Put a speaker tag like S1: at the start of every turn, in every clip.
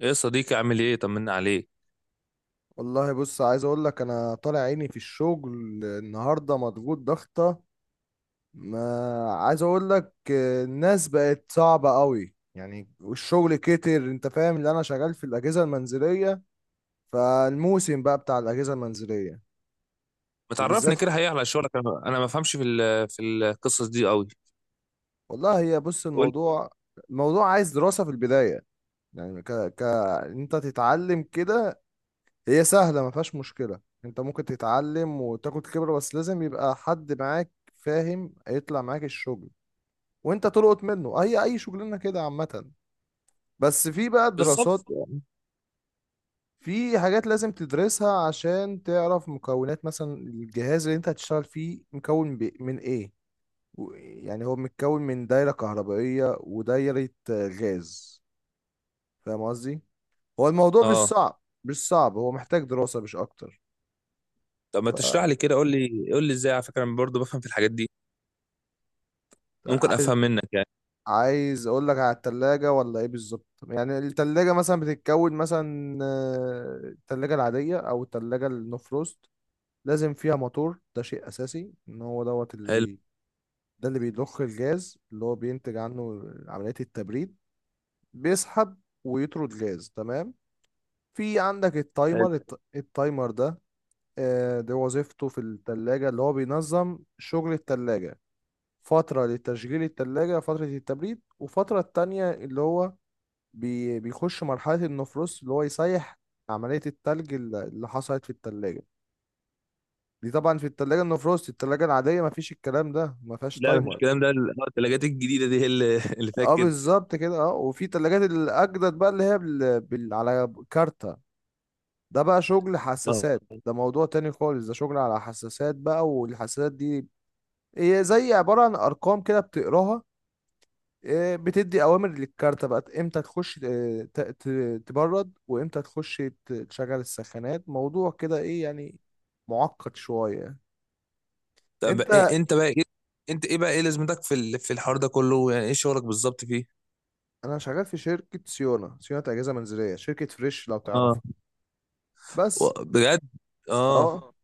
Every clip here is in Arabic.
S1: ايه يا صديقي، عامل ايه؟ طمنا عليك.
S2: والله بص عايز اقول لك انا طالع عيني في الشغل. النهارده مضغوط ضغطه. ما عايز اقول لك، الناس بقت صعبه قوي يعني، والشغل كتر. انت فاهم اللي انا شغال في الاجهزه المنزليه، فالموسم بقى بتاع الاجهزه المنزليه
S1: ما تعرفني
S2: وبالذات.
S1: كده حقيقة على شغلك، انا ما بفهمش في القصص دي قوي.
S2: والله هي بص
S1: قول لي.
S2: الموضوع، عايز دراسه في البدايه. يعني ك ك انت تتعلم كده. هي سهلة ما فيهاش مشكلة. انت ممكن تتعلم وتاخد خبرة، بس لازم يبقى حد معاك فاهم يطلع معاك الشغل، وانت تلقط منه اي شغلانة كده عامة. بس في بقى
S1: بالظبط.
S2: دراسات، في حاجات لازم تدرسها عشان تعرف مكونات مثلا الجهاز اللي انت هتشتغل فيه مكون من ايه. يعني هو متكون من دايرة كهربائية ودايرة غاز. فاهم قصدي؟ هو الموضوع مش
S1: اه.
S2: صعب، هو محتاج دراسة مش اكتر.
S1: طب ما
S2: ف
S1: تشرح لي كده، قول لي ازاي؟ على فكره انا برضه بفهم في الحاجات دي. ممكن افهم منك يعني.
S2: عايز اقول لك على التلاجة ولا ايه بالظبط؟ يعني التلاجة مثلا بتتكون مثلا، التلاجة العادية او التلاجة النو فروست لازم فيها موتور. ده شيء اساسي، ان هو دوت اللي
S1: حلو.
S2: بي، ده اللي بيضخ الجاز اللي هو بينتج عنه عملية التبريد. بيسحب ويطرد جاز، تمام. في عندك
S1: حلو.
S2: التايمر، التايمر ده ده وظيفته في التلاجة اللي هو بينظم شغل التلاجة. فترة لتشغيل التلاجة، فترة التبريد، وفترة التانية اللي هو بيخش مرحلة النفروست، اللي هو يسيح عملية التلج اللي حصلت في التلاجة. دي طبعا في التلاجة النفروست، التلاجة العادية مفيش الكلام ده، مفيهاش
S1: لا مفيش
S2: تايمر.
S1: كلام ده، الثلاجات الجديده دي هي اللي اللي فيها
S2: اه
S1: كده.
S2: بالظبط كده. اه، وفي تلاجات الأجدد بقى اللي هي على كارتة. ده بقى شغل
S1: اه.
S2: حساسات. ده موضوع تاني خالص، ده شغل على حساسات بقى. والحساسات دي هي زي عبارة عن أرقام كده بتقراها، بتدي اوامر للكارتة بقى امتى تخش تبرد، وامتى تخش تشغل السخانات. موضوع كده ايه يعني، معقد شوية.
S1: طب
S2: انت
S1: إيه انت بقى ايه؟ انت ايه بقى، ايه لازمتك في الحوار ده كله؟ يعني ايه شغلك بالظبط فيه؟
S2: انا شغال في شركة سيونا، اجهزة منزلية، شركة فريش لو
S1: اه.
S2: تعرفها. بس.
S1: و- بجد؟
S2: اه
S1: اه.
S2: اه.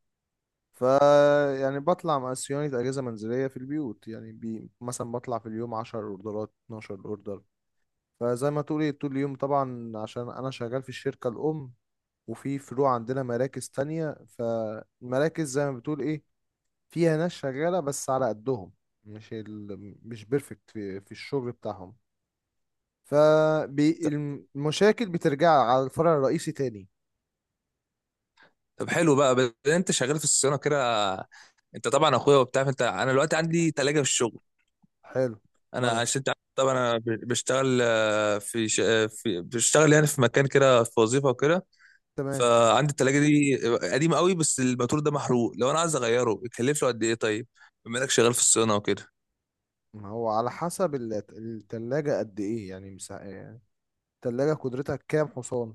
S2: ف يعني بطلع مع صيانة اجهزة منزلية في البيوت. يعني بي مثلا بطلع في اليوم 10 اوردرات، 12 اوردر. فزي ما تقولي طول اليوم طبعا، عشان انا شغال في الشركة الام. وفي فروع عندنا، مراكز تانية، فالمراكز زي ما بتقول ايه، فيها ناس شغالة بس على قدهم. مش ال... مش بيرفكت في الشغل بتاعهم، فالمشاكل بترجع على الفرع الرئيسي تاني.
S1: طب حلو بقى، بس انت شغال في الصيانه كده، انت طبعا اخويا وبتاع، فانت انا دلوقتي عندي تلاجة في الشغل.
S2: حلو.
S1: انا
S2: مالها،
S1: عشان انت عارف طبعا انا بشتغل في, ش... آه، في بشتغل يعني في مكان كده، في وظيفه وكده.
S2: تمام.
S1: فعندي التلاجة دي قديمه قوي، بس الماتور ده محروق، لو انا عايز اغيره بيكلف له قد ايه طيب؟ بما انك شغال في الصيانه وكده.
S2: ما هو على حسب التلاجة قد ايه يعني، يعني التلاجة قدرتها كام حصان،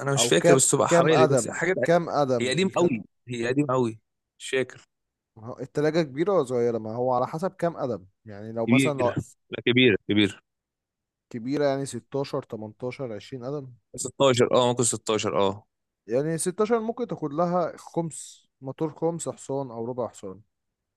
S1: انا مش
S2: او
S1: فاكر،
S2: كام،
S1: بس تبقى حوالي بس حاجه.
S2: كام
S1: هي
S2: قدم
S1: قديمه قوي، هي قديمه قوي. مش فاكر.
S2: ما هو التلاجة كبيرة ولا صغيرة؟ ما هو على حسب كام قدم. يعني لو
S1: كبير.
S2: مثلا لو
S1: لا، كبير كبير.
S2: كبيرة يعني 16 18 20 قدم.
S1: 16 اه، ممكن 16 اه.
S2: يعني 16 ممكن تاخد لها خمس موتور، خمس حصان أو ربع حصان.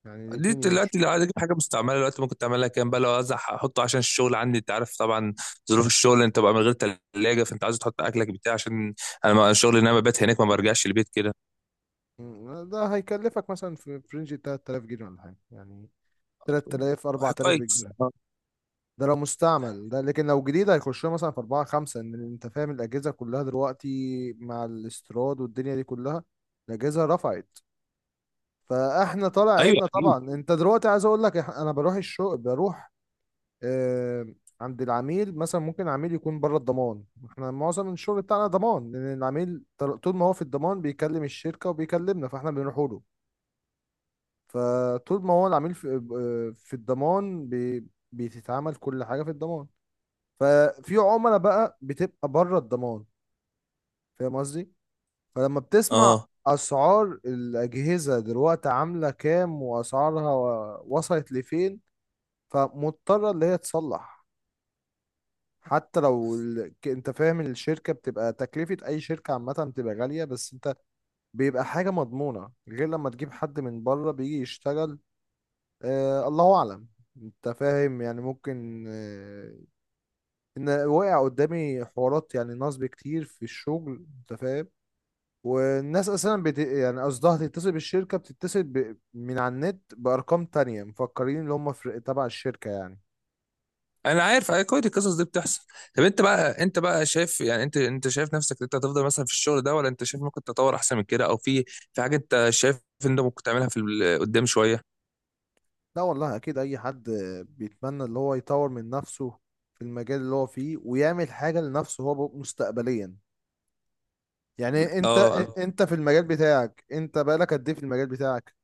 S2: يعني
S1: دي
S2: الاتنين يمشوا.
S1: دلوقتي لو عايز اجيب حاجه مستعمله دلوقتي، ممكن تعملها كام بقى؟ لو عايز احطه عشان الشغل عندي، انت عارف طبعا ظروف الشغل، انت بقى من غير ثلاجه، فانت عايز تحط اكلك بتاع عشان انا الشغل ان انا ببات هناك، ما برجعش البيت كده.
S2: م، ده هيكلفك مثلا في رينج 3000 جنيه ولا حاجة يعني، 3000 4000
S1: كويس
S2: بالجنيه.
S1: آه.
S2: ده لو مستعمل ده، لكن لو جديد هيخش له مثلا في 4 5. ان انت فاهم الاجهزه كلها دلوقتي مع الاستيراد والدنيا دي كلها الاجهزه رفعت. فاحنا طالع
S1: ايوه
S2: عنا
S1: اكيد.
S2: طبعا. انت دلوقتي عايز اقول لك، انا بروح الشغل، بروح آه، عند العميل. مثلا ممكن العميل يكون بره الضمان. احنا معظم الشغل بتاعنا ضمان، لان العميل طول ما هو في الضمان بيكلم الشركة وبيكلمنا، فاحنا بنروح له. فطول ما هو العميل في الضمان بتتعمل كل حاجة في الضمان. ففي عملاء بقى بتبقى بره الضمان، فاهم قصدي؟ فلما بتسمع
S1: اه.
S2: اسعار الاجهزة دلوقتي عاملة كام، واسعارها وصلت لفين، فمضطرة اللي هي تصلح. حتى لو انت فاهم الشركة بتبقى تكلفة، اي شركة عامة بتبقى غالية، بس انت بيبقى حاجة مضمونة، غير لما تجيب حد من بره بيجي يشتغل، آه الله اعلم. انت فاهم يعني؟ ممكن آه ان وقع قدامي حوارات، يعني نصب كتير في الشغل، انت فاهم. والناس اساسا يعني قصدها تتصل بالشركة، بتتصل من على النت بارقام تانية، مفكرين اللي هم تبع الشركة يعني.
S1: انا عارف، أيوة، كويس، القصص دي بتحصل. طب انت بقى، شايف يعني، انت شايف نفسك انت هتفضل مثلا في الشغل ده، ولا انت شايف ممكن تطور احسن من كده، او في في حاجه انت شايف ان انت ممكن تعملها قدام شويه؟
S2: لا والله اكيد اي حد بيتمنى اللي هو يطور من نفسه في المجال اللي هو فيه، ويعمل حاجة لنفسه هو مستقبليا. يعني انت،
S1: اه.
S2: في المجال بتاعك انت بقالك قد ايه في المجال بتاعك؟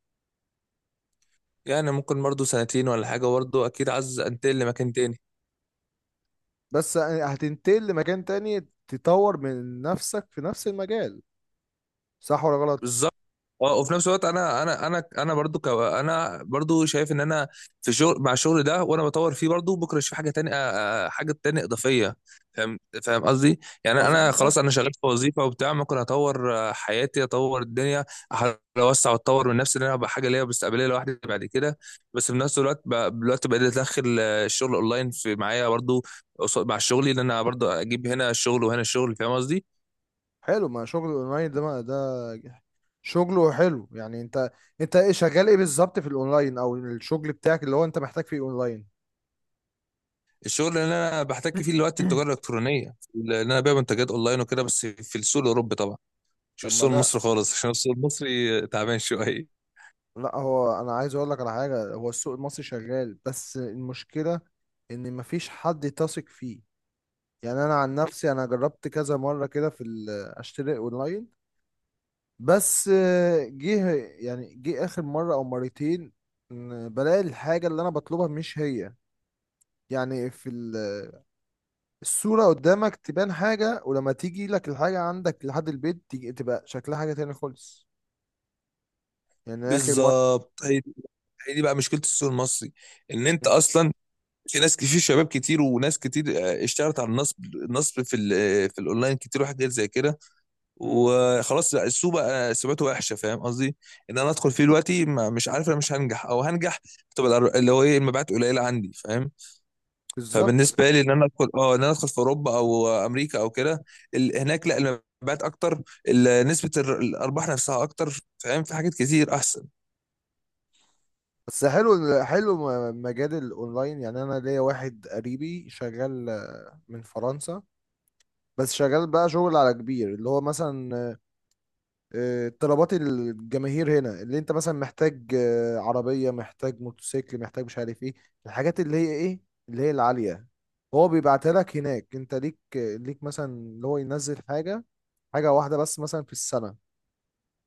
S1: يعني ممكن برضه سنتين ولا حاجه، برضه اكيد عايز انتقل لمكان تاني.
S2: بس هتنتقل لمكان تاني تطور من نفسك في نفس المجال، صح ولا غلط؟
S1: بالظبط. اه، وفي نفس الوقت انا برضو انا برضو شايف ان انا في شغل مع الشغل ده، وانا بطور فيه برضو، بكره اشوف حاجه تانية، حاجه تانية اضافيه. فاهم، قصدي يعني. انا
S2: مظبوط ده.
S1: خلاص انا شغال في وظيفه وبتاع، ممكن اطور حياتي، اطور الدنيا، أحاول اوسع واطور من نفسي ان انا ابقى حاجه ليا مستقبليه لوحدي بعد كده. بس في نفس الوقت دلوقتي بقيت ادخل الشغل اونلاين في معايا برضو، مع شغلي، ان انا برضو اجيب هنا الشغل وهنا الشغل، فاهم قصدي؟
S2: حلو، ما شغل الاونلاين ده، ما ده شغله حلو. يعني انت، انت ايه شغال ايه بالظبط في الاونلاين، او الشغل بتاعك اللي هو انت محتاج فيه اونلاين؟
S1: الشغل اللي انا بحتك فيه دلوقتي التجاره الالكترونيه، اللي انا ببيع منتجات اونلاين وكده، بس في السوق الاوروبي طبعا، مش في
S2: طب ما
S1: السوق
S2: ده،
S1: المصري خالص، عشان السوق المصري تعبان شويه.
S2: لا هو انا عايز اقول لك على حاجه، هو السوق المصري شغال بس المشكله ان مفيش حد تثق فيه. يعني انا عن نفسي انا جربت كذا مره كده في اشتري اونلاين، بس جه اخر مره او مرتين إن بلاقي الحاجه اللي انا بطلبها مش هي. يعني في الصوره قدامك تبان حاجه، ولما تيجي لك الحاجه عندك لحد البيت، تيجي تبقى شكلها حاجه تاني خالص. يعني اخر مره
S1: بالظبط، هي دي، هي دي بقى مشكله السوق المصري. ان انت
S2: بز-
S1: اصلا في ناس كتير، شباب كتير وناس كتير اشتغلت على النصب، في ال- آه، في الاونلاين كتير، وحاجات زي كده،
S2: مم.
S1: وخلاص لا، السوق بقى سمعته وحشه، فاهم قصدي؟ ان انا ادخل فيه دلوقتي، مش عارف انا، مش هنجح او هنجح، تبقى اللي هو ايه، المبيعات قليله عندي، فاهم؟
S2: بالظبط.
S1: فبالنسبه لي ان انا ادخل، اه ان انا ادخل في اوروبا او امريكا او كده، هناك لا، المبيعات اكتر، نسبه الارباح نفسها اكتر، فاهم؟ في حاجات كتير احسن.
S2: بس حلو، حلو مجال الاونلاين. يعني انا ليا واحد قريبي شغال من فرنسا، بس شغال بقى شغل على كبير اللي هو مثلا طلبات الجماهير هنا، اللي انت مثلا محتاج عربية، محتاج موتوسيكل، محتاج مش عارف ايه، الحاجات اللي هي ايه اللي هي العالية، هو بيبعتها لك هناك. انت ليك، مثلا اللي هو ينزل حاجة واحدة بس مثلا في السنة،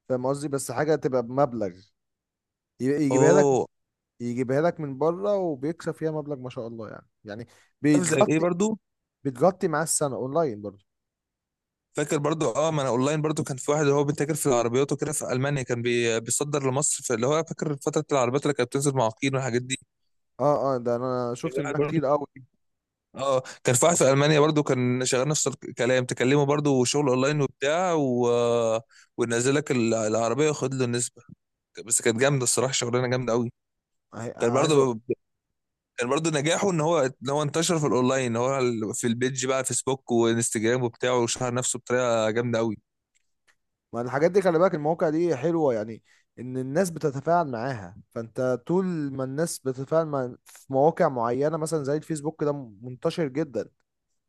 S2: فاهم قصدي؟ بس حاجة تبقى بمبلغ يجيبها لك،
S1: اوه.
S2: يجيبها لك من بره، وبيكسب فيها مبلغ ما شاء الله يعني، يعني
S1: عارف زي ايه
S2: بتغطي،
S1: برضو؟
S2: بتغطي معاه السنه اونلاين برضه.
S1: فاكر برضو اه، ما انا اونلاين برضو، كان في واحد اللي هو بيتاجر في العربيات وكده في المانيا، كان بيصدر لمصر، في اللي هو فاكر فتره العربيات اللي كانت بتنزل معاقين والحاجات دي.
S2: اه اه، ده انا
S1: كان
S2: شفت
S1: واحد
S2: منها
S1: برضو،
S2: كتير قوي.
S1: اه، كان في واحد في المانيا برضو كان شغال نفس الكلام، تكلمه برضو شغل اونلاين وبتاع و... ونزل لك العربيه وخد له النسبه. بس كانت جامده الصراحه، شغلانه جامده قوي.
S2: عاي-
S1: كان
S2: عايز اقول
S1: برضو، كان برضو نجاحه ان هو، انتشر في الاونلاين، ان هو في البيج بقى، فيسبوك وانستجرام وبتاعه، وشهر نفسه بطريقه جامده قوي.
S2: ما الحاجات دي خلي بالك المواقع دي حلوه، يعني ان الناس بتتفاعل معاها. فانت طول ما الناس بتتفاعل مع في مواقع معينه مثلا، زي الفيسبوك ده منتشر جدا.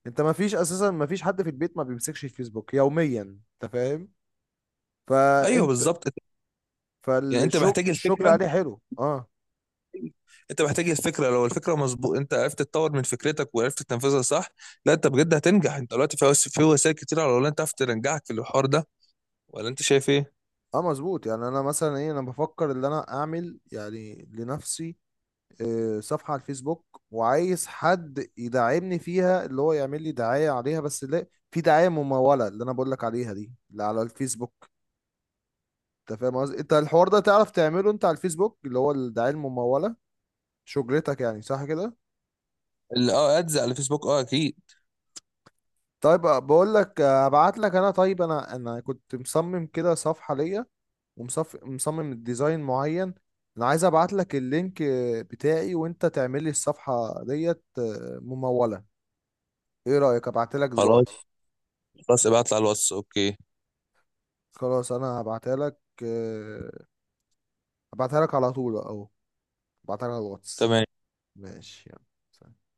S2: انت ما فيش اساسا ما فيش حد في البيت ما بيمسكش الفيسبوك يوميا، انت فاهم؟
S1: ايوه
S2: فانت
S1: بالظبط. يعني انت
S2: فالشغل،
S1: محتاج
S2: الشغل
S1: الفكره،
S2: عليه حلو اه.
S1: انت محتاج الفكره، لو الفكره مظبوط انت عرفت تطور من فكرتك وعرفت تنفذها صح، لا انت بجد هتنجح. انت دلوقتي في في وسائل كتير على الاونلاين تعرف تنجحك في الحوار ده، ولا انت شايف ايه؟
S2: اه مظبوط. يعني انا مثلا ايه، انا بفكر ان انا اعمل يعني لنفسي صفحة على الفيسبوك، وعايز حد يدعمني فيها اللي هو يعمل لي دعاية عليها، بس لا في دعاية ممولة، اللي انا بقول لك عليها دي اللي على الفيسبوك. انت فاهم قصدي؟ انت الحوار ده تعرف تعمله انت على الفيسبوك، اللي هو الدعاية الممولة. شجرتك يعني، صح كده؟
S1: اه، ادز على الفيسبوك، اه اكيد.
S2: طيب آه، بقول لك آه، هبعت لك انا. طيب انا كنت مصمم كده صفحة ليا، مصمم ديزاين معين. انا عايز ابعت لك اللينك بتاعي، وانت تعمل لي الصفحة ديت ممولة. ايه رأيك، ابعتها لك
S1: خلاص،
S2: دلوقتي؟
S1: ابعت لي على الواتس، اوكي.
S2: خلاص، انا هبعتها لك. آه، هبعتها لك على طول اهو. هبعتها لك على الواتس.
S1: تمام.
S2: ماشي، يلا، سلام.